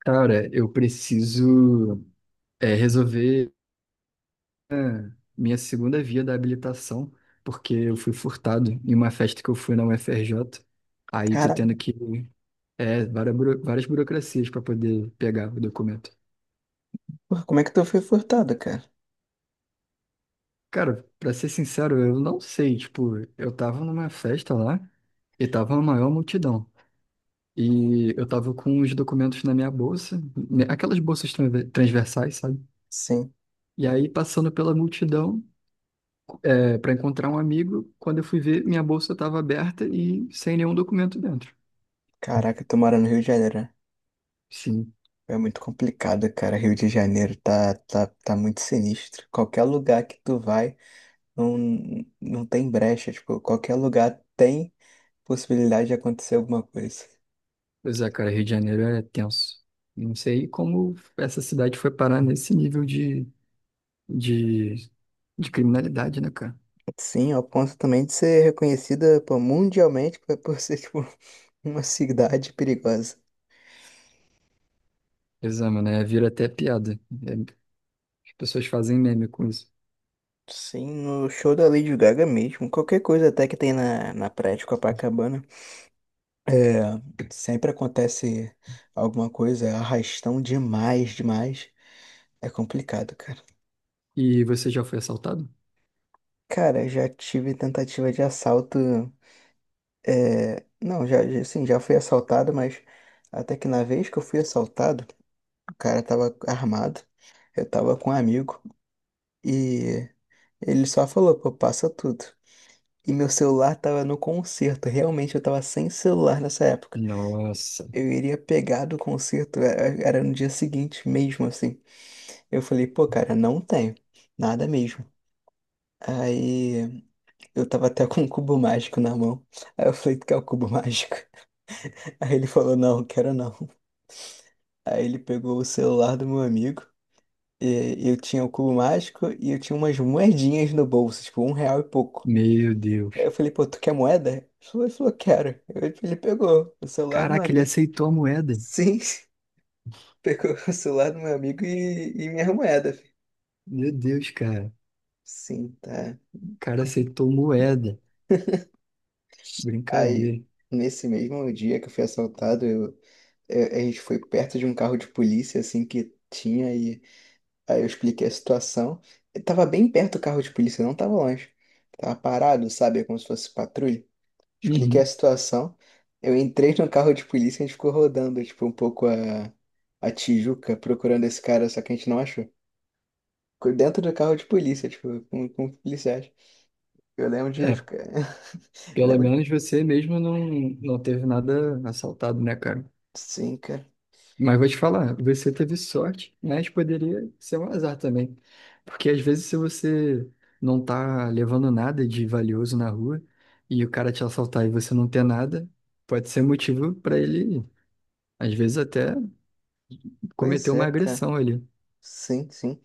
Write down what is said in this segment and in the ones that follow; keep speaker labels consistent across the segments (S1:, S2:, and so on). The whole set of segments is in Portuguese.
S1: Cara, eu preciso resolver minha segunda via da habilitação, porque eu fui furtado em uma festa que eu fui na UFRJ. Aí tô tendo
S2: Caraca,
S1: que várias burocracias para poder pegar o documento.
S2: porra, como é que tu foi furtado, cara?
S1: Cara, pra ser sincero, eu não sei. Tipo, eu tava numa festa lá e tava a maior multidão. E eu tava com os documentos na minha bolsa, né, aquelas bolsas transversais, sabe?
S2: Sim.
S1: E aí, passando pela multidão, para encontrar um amigo, quando eu fui ver, minha bolsa estava aberta e sem nenhum documento dentro.
S2: Caraca, tu mora no Rio de Janeiro, né?
S1: Sim,
S2: É muito complicado, cara. Rio de Janeiro tá muito sinistro. Qualquer lugar que tu vai, não, não tem brecha. Tipo, qualquer lugar tem possibilidade de acontecer alguma coisa.
S1: pois é, cara, Rio de Janeiro é tenso. Não sei como essa cidade foi parar nesse nível de, de criminalidade, né, cara?
S2: Sim, ao ponto também de ser reconhecida, pô, mundialmente por ser, tipo, uma cidade perigosa.
S1: Exame, né? Vira até piada. É, as pessoas fazem meme com isso.
S2: Sim, no show da Lady Gaga mesmo. Qualquer coisa até que tem na praia de Copacabana. É, sempre acontece alguma coisa, é arrastão demais, demais. É complicado, cara.
S1: E você já foi assaltado?
S2: Cara, já tive tentativa de assalto. Não, sim, já fui assaltado, mas até que na vez que eu fui assaltado, o cara tava armado, eu tava com um amigo e ele só falou, pô, passa tudo. E meu celular tava no concerto, realmente eu tava sem celular nessa época.
S1: Nossa,
S2: Eu iria pegar do concerto, era no dia seguinte mesmo, assim. Eu falei, pô, cara, não tenho. Nada mesmo. Aí eu tava até com um cubo mágico na mão. Aí eu falei, tu quer o cubo mágico? Aí ele falou, não, quero não. Aí ele pegou o celular do meu amigo. E eu tinha o cubo mágico e eu tinha umas moedinhas no bolso, tipo, um real e pouco.
S1: meu
S2: Aí eu
S1: Deus.
S2: falei, pô, tu quer moeda? Ele falou, quero. Ele pegou o celular do meu
S1: Caraca, ele
S2: amigo.
S1: aceitou a moeda.
S2: Sim, pegou o celular do meu amigo e minha moeda.
S1: Meu Deus, cara.
S2: Sim, tá.
S1: O cara aceitou moeda.
S2: Aí,
S1: Brincadeira.
S2: nesse mesmo dia que eu fui assaltado, a gente foi perto de um carro de polícia, assim, que tinha, e aí eu expliquei a situação. Eu tava bem perto do carro de polícia, não tava longe. Tava parado, sabe? Como se fosse patrulha. Expliquei a
S1: Uhum.
S2: situação. Eu entrei no carro de polícia e a gente ficou rodando, tipo, um pouco a Tijuca, procurando esse cara, só que a gente não achou. Ficou dentro do carro de polícia, tipo, com policiais. Eu lembro de
S1: É,
S2: ficar.
S1: pelo
S2: Lembro.
S1: menos você mesmo não, não teve nada assaltado, né, cara?
S2: Sim, cara.
S1: Mas vou te falar, você teve sorte, mas poderia ser um azar também. Porque às vezes se você não tá levando nada de valioso na rua e o cara te assaltar e você não ter nada, pode ser motivo para ele, às vezes até cometer
S2: Pois
S1: uma
S2: é, cara.
S1: agressão ali.
S2: Sim, sim.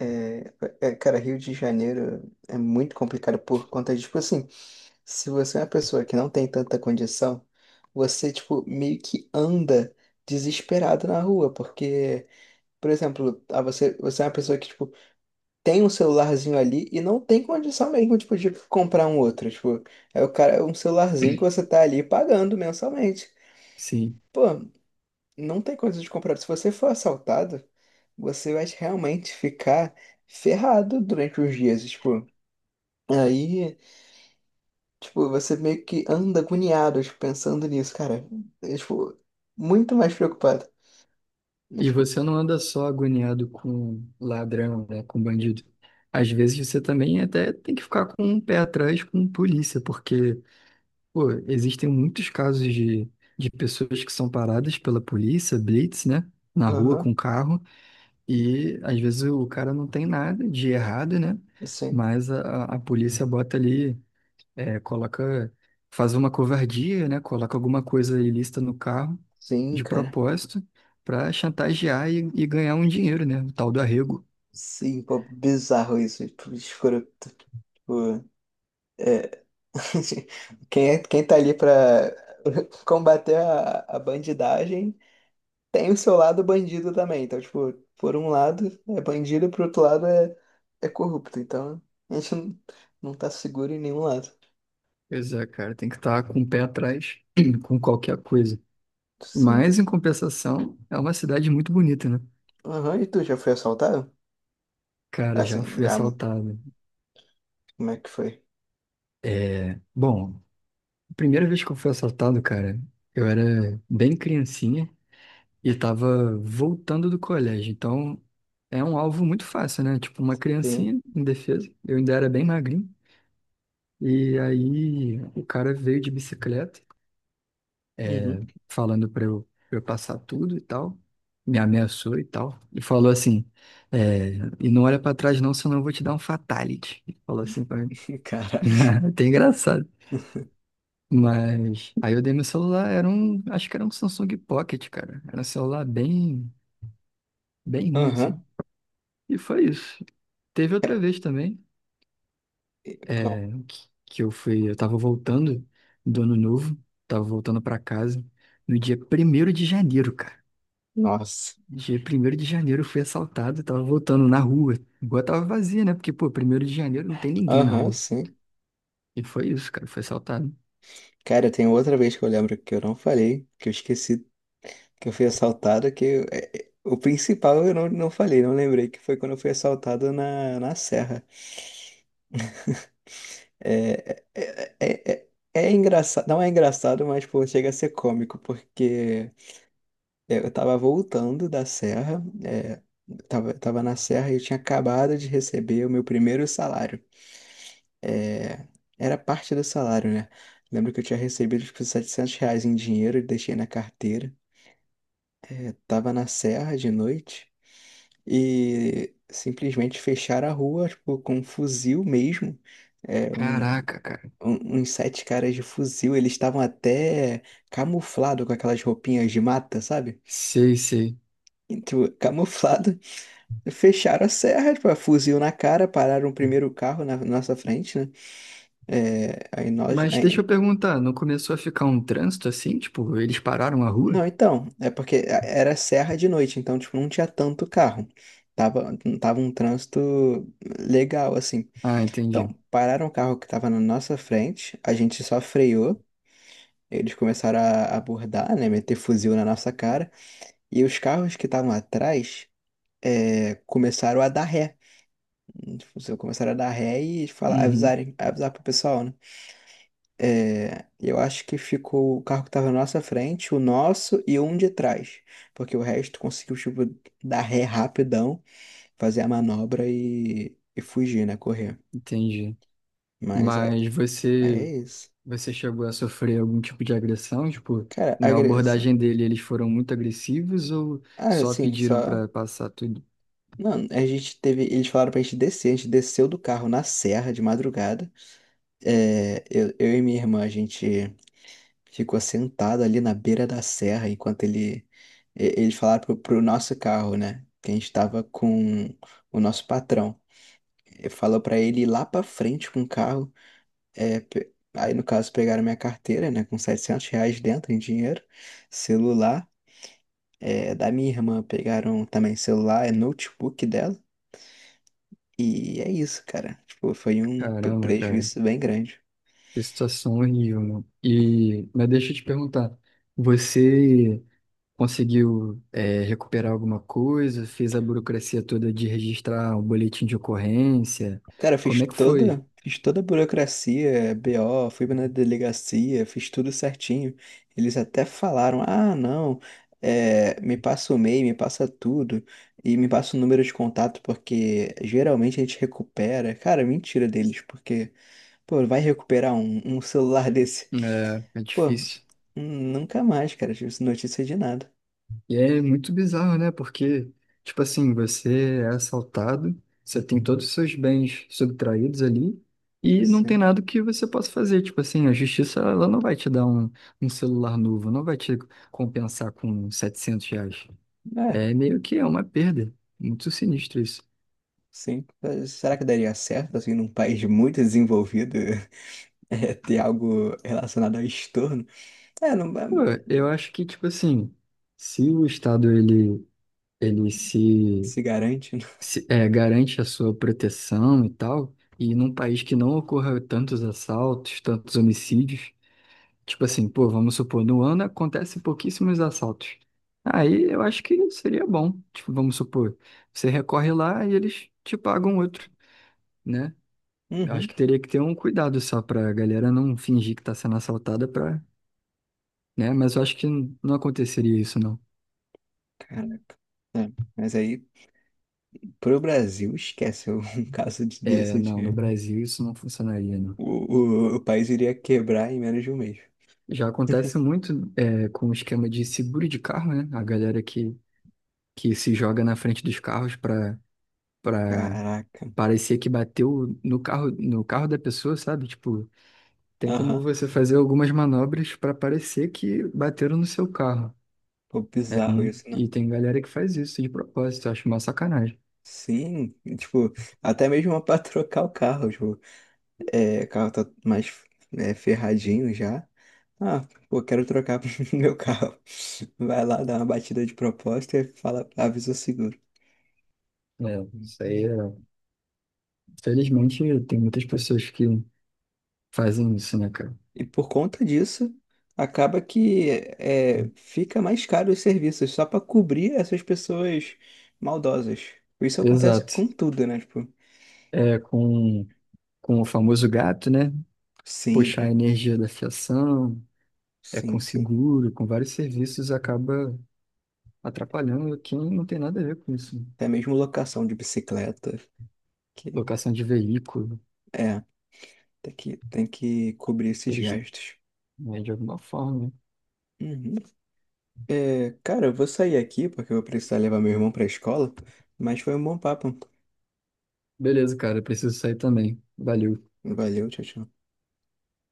S2: É, é, cara, Rio de Janeiro é muito complicado por conta de, tipo assim, se você é uma pessoa que não tem tanta condição, você, tipo, meio que anda desesperado na rua, porque, por exemplo, ah, você é uma pessoa que, tipo, tem um celularzinho ali e não tem condição mesmo, tipo, de comprar um outro, tipo, é o cara, é um celularzinho que você tá ali pagando mensalmente.
S1: Sim.
S2: Pô, não tem coisa de comprar. Se você for assaltado, você vai realmente ficar ferrado durante os dias, tipo. Aí, tipo, você meio que anda agoniado, tipo, pensando nisso, cara. É, tipo, muito mais preocupado. É,
S1: E
S2: tipo,
S1: você não anda só agoniado com ladrão, né, com bandido. Às vezes você também até tem que ficar com um pé atrás com polícia, porque, pô, existem muitos casos de pessoas que são paradas pela polícia, blitz, né, na rua
S2: aham,
S1: com carro, e às vezes o cara não tem nada de errado, né,
S2: sim.
S1: mas a polícia bota ali coloca, faz uma covardia, né? Coloca alguma coisa ilícita no carro
S2: Sim,
S1: de
S2: cara.
S1: propósito para chantagear e ganhar um dinheiro, né? O tal do arrego.
S2: Sim, pô, bizarro isso. Tipo, escroto. Tipo, é. Quem tá ali pra combater a bandidagem tem o seu lado bandido também. Então, tipo, por um lado é bandido, por outro lado é corrupto. Então, a gente não, não tá seguro em nenhum lado.
S1: Pois é, cara, tem que estar com o pé atrás com qualquer coisa.
S2: Sim.
S1: Mas, em compensação, é uma cidade muito bonita, né?
S2: Aham. E tu já foi assaltado?
S1: Cara, já
S2: Assim,
S1: fui
S2: já.
S1: assaltado.
S2: Como é que foi?
S1: É, bom, a primeira vez que eu fui assaltado, cara, eu era bem criancinha. E tava voltando do colégio, então é um alvo muito fácil, né? Tipo, uma
S2: Sim.
S1: criancinha indefesa, eu ainda era bem magrinho. E aí o cara veio de bicicleta,
S2: Uhum.
S1: falando pra eu passar tudo e tal, me ameaçou e tal, e falou assim: é, e não olha pra trás não, senão eu vou te dar um fatality. Falou assim pra mim.
S2: Caraca.
S1: Até engraçado. Mas aí eu dei meu celular, era um, acho que era um Samsung Pocket, cara. Era um celular bem, bem ruim,
S2: Aham.
S1: assim. E foi isso. Teve
S2: É,
S1: outra vez também,
S2: E qual-
S1: que eu fui, eu tava voltando do ano novo, tava voltando pra casa no dia 1º de janeiro, cara.
S2: Nossa.
S1: Dia primeiro de janeiro eu fui assaltado, tava voltando na rua. Igual tava vazia, né? Porque, pô, 1º de janeiro não tem ninguém na
S2: Aham,
S1: rua.
S2: sim.
S1: E foi isso, cara, foi assaltado.
S2: Cara, tem outra vez que eu lembro que eu não falei, que eu esqueci que eu fui assaltado, que eu- é, é, o principal eu não, não falei, não lembrei, que foi quando eu fui assaltado na Serra. É, é, é, é, é engraçado, não é engraçado, mas pô, chega a ser cômico, porque eu tava voltando da Serra, tava na Serra e eu tinha acabado de receber o meu primeiro salário. é, era parte do salário, né? Lembro que eu tinha recebido tipo, R$ 700 em dinheiro e deixei na carteira. É, tava na serra de noite e simplesmente fecharam a rua, tipo, com um fuzil mesmo. É, um,
S1: Caraca, cara.
S2: uns sete caras de fuzil, eles estavam até camuflado com aquelas roupinhas de mata, sabe?
S1: Sei, sei.
S2: Tipo, camuflado. Fecharam a serra, tipo, fuzil na cara, pararam o primeiro carro na nossa frente, né? É, aí nós,
S1: Mas deixa eu perguntar, não começou a ficar um trânsito assim? Tipo, eles pararam a rua?
S2: não, então, é porque era serra de noite, então, tipo, não tinha tanto carro. Tava um trânsito legal, assim.
S1: Ah,
S2: Então,
S1: entendi.
S2: pararam o carro que tava na nossa frente, a gente só freou, eles começaram a abordar, né, meter fuzil na nossa cara, e os carros que estavam atrás, começaram a dar ré. Tipo, começaram a dar ré e falar,
S1: Uhum,
S2: avisarem, avisar pro pessoal, né? É, eu acho que ficou o carro que tava na nossa frente, o nosso e um de trás. Porque o resto conseguiu, tipo, dar ré rapidão, fazer a manobra e fugir, né? Correr.
S1: entendi.
S2: Mas aí,
S1: Mas
S2: aí é
S1: você
S2: isso.
S1: Você chegou a sofrer algum tipo de agressão? Tipo,
S2: Cara,
S1: na
S2: agressão.
S1: abordagem dele, eles foram muito agressivos ou
S2: Ah,
S1: só
S2: assim,
S1: pediram
S2: só.
S1: pra passar tudo?
S2: Não, a gente teve. Eles falaram pra gente descer. A gente desceu do carro na serra de madrugada. É, eu e minha irmã, a gente ficou sentado ali na beira da serra enquanto eles falaram pro nosso carro, né? Que a gente estava com o nosso patrão. Ele falou para ele ir lá para frente com o carro. Aí no caso pegaram minha carteira, né? Com R$ 700 dentro em dinheiro, celular, da minha irmã pegaram também celular, notebook dela. E é isso, cara. Tipo, foi um
S1: Caramba, cara,
S2: prejuízo bem grande.
S1: que situação horrível, mano. E, mas deixa eu te perguntar, você conseguiu, recuperar alguma coisa? Fez a burocracia toda de registrar um boletim de ocorrência?
S2: Cara, eu
S1: Como
S2: fiz
S1: é que foi?
S2: toda, fiz toda a burocracia, BO, fui na delegacia, fiz tudo certinho. Eles até falaram: ah, não, me passa o e-mail, me passa tudo e me passa o número de contato, porque geralmente a gente recupera. Cara, mentira deles, porque, pô, vai recuperar um celular desse?
S1: É, é
S2: Pô,
S1: difícil.
S2: nunca mais, cara, tive notícia de nada.
S1: E é muito bizarro, né? Porque, tipo assim, você é assaltado, você tem todos os seus bens subtraídos ali e não tem
S2: Sim,
S1: nada que você possa fazer. Tipo assim, a justiça, ela não vai te dar um, celular novo, não vai te compensar com R$ 700.
S2: é,
S1: É meio que é uma perda. Muito sinistro isso.
S2: sim. Será que daria certo, assim, num país muito desenvolvido? Ter algo relacionado ao estorno. É, não é,
S1: Pô, eu acho que, tipo assim, se o Estado, ele, ele se
S2: se garante. Né?
S1: se- é, garante a sua proteção e tal, e num país que não ocorra tantos assaltos, tantos homicídios, tipo assim, pô, vamos supor, no ano acontecem pouquíssimos assaltos. Aí eu acho que seria bom, tipo, vamos supor, você recorre lá e eles te pagam outro, né? Eu acho
S2: Uhum,
S1: que teria que ter um cuidado só pra galera não fingir que tá sendo assaltada pra, né? Mas eu acho que não aconteceria isso, não.
S2: caraca. É, mas aí, pro Brasil, esquece é um caso
S1: É,
S2: desse
S1: não, no
S2: de
S1: Brasil isso não funcionaria, não.
S2: o país iria quebrar em menos de um mês.
S1: Já acontece muito com o esquema de seguro de carro, né? A galera que se joga na frente dos carros para
S2: Caraca.
S1: parecer que bateu no carro da pessoa, sabe? Tipo, tem como
S2: Aham.
S1: você fazer algumas manobras para parecer que bateram no seu carro.
S2: Pô,
S1: É
S2: bizarro
S1: muito,
S2: isso, né?
S1: e tem galera que faz isso de propósito, eu acho uma sacanagem.
S2: Sim, tipo, até mesmo pra trocar o carro, tipo, o carro tá mais ferradinho já. Ah, pô, quero trocar meu carro. Vai lá, dá uma batida de propósito e fala, avisa o seguro.
S1: É, isso aí
S2: Uhum.
S1: é... Felizmente tem muitas pessoas que fazem isso, né, cara?
S2: E por conta disso, acaba que fica mais caro os serviços só para cobrir essas pessoas maldosas. Isso acontece com
S1: Exato.
S2: tudo, né? Tipo,
S1: É com o famoso gato, né?
S2: sim,
S1: Puxar a energia da fiação, é com
S2: sim, sim.
S1: seguro, com vários serviços, acaba atrapalhando quem não tem nada a ver com isso.
S2: Até mesmo locação de bicicleta, que
S1: Locação de veículo,
S2: é, tem que cobrir esses
S1: eles,
S2: gastos.
S1: né, de alguma forma. Né?
S2: Uhum. É, cara, eu vou sair aqui porque eu vou precisar levar meu irmão para a escola, mas foi um bom papo.
S1: Beleza, cara, eu preciso sair também. Valeu.
S2: Valeu, tchau, tchau.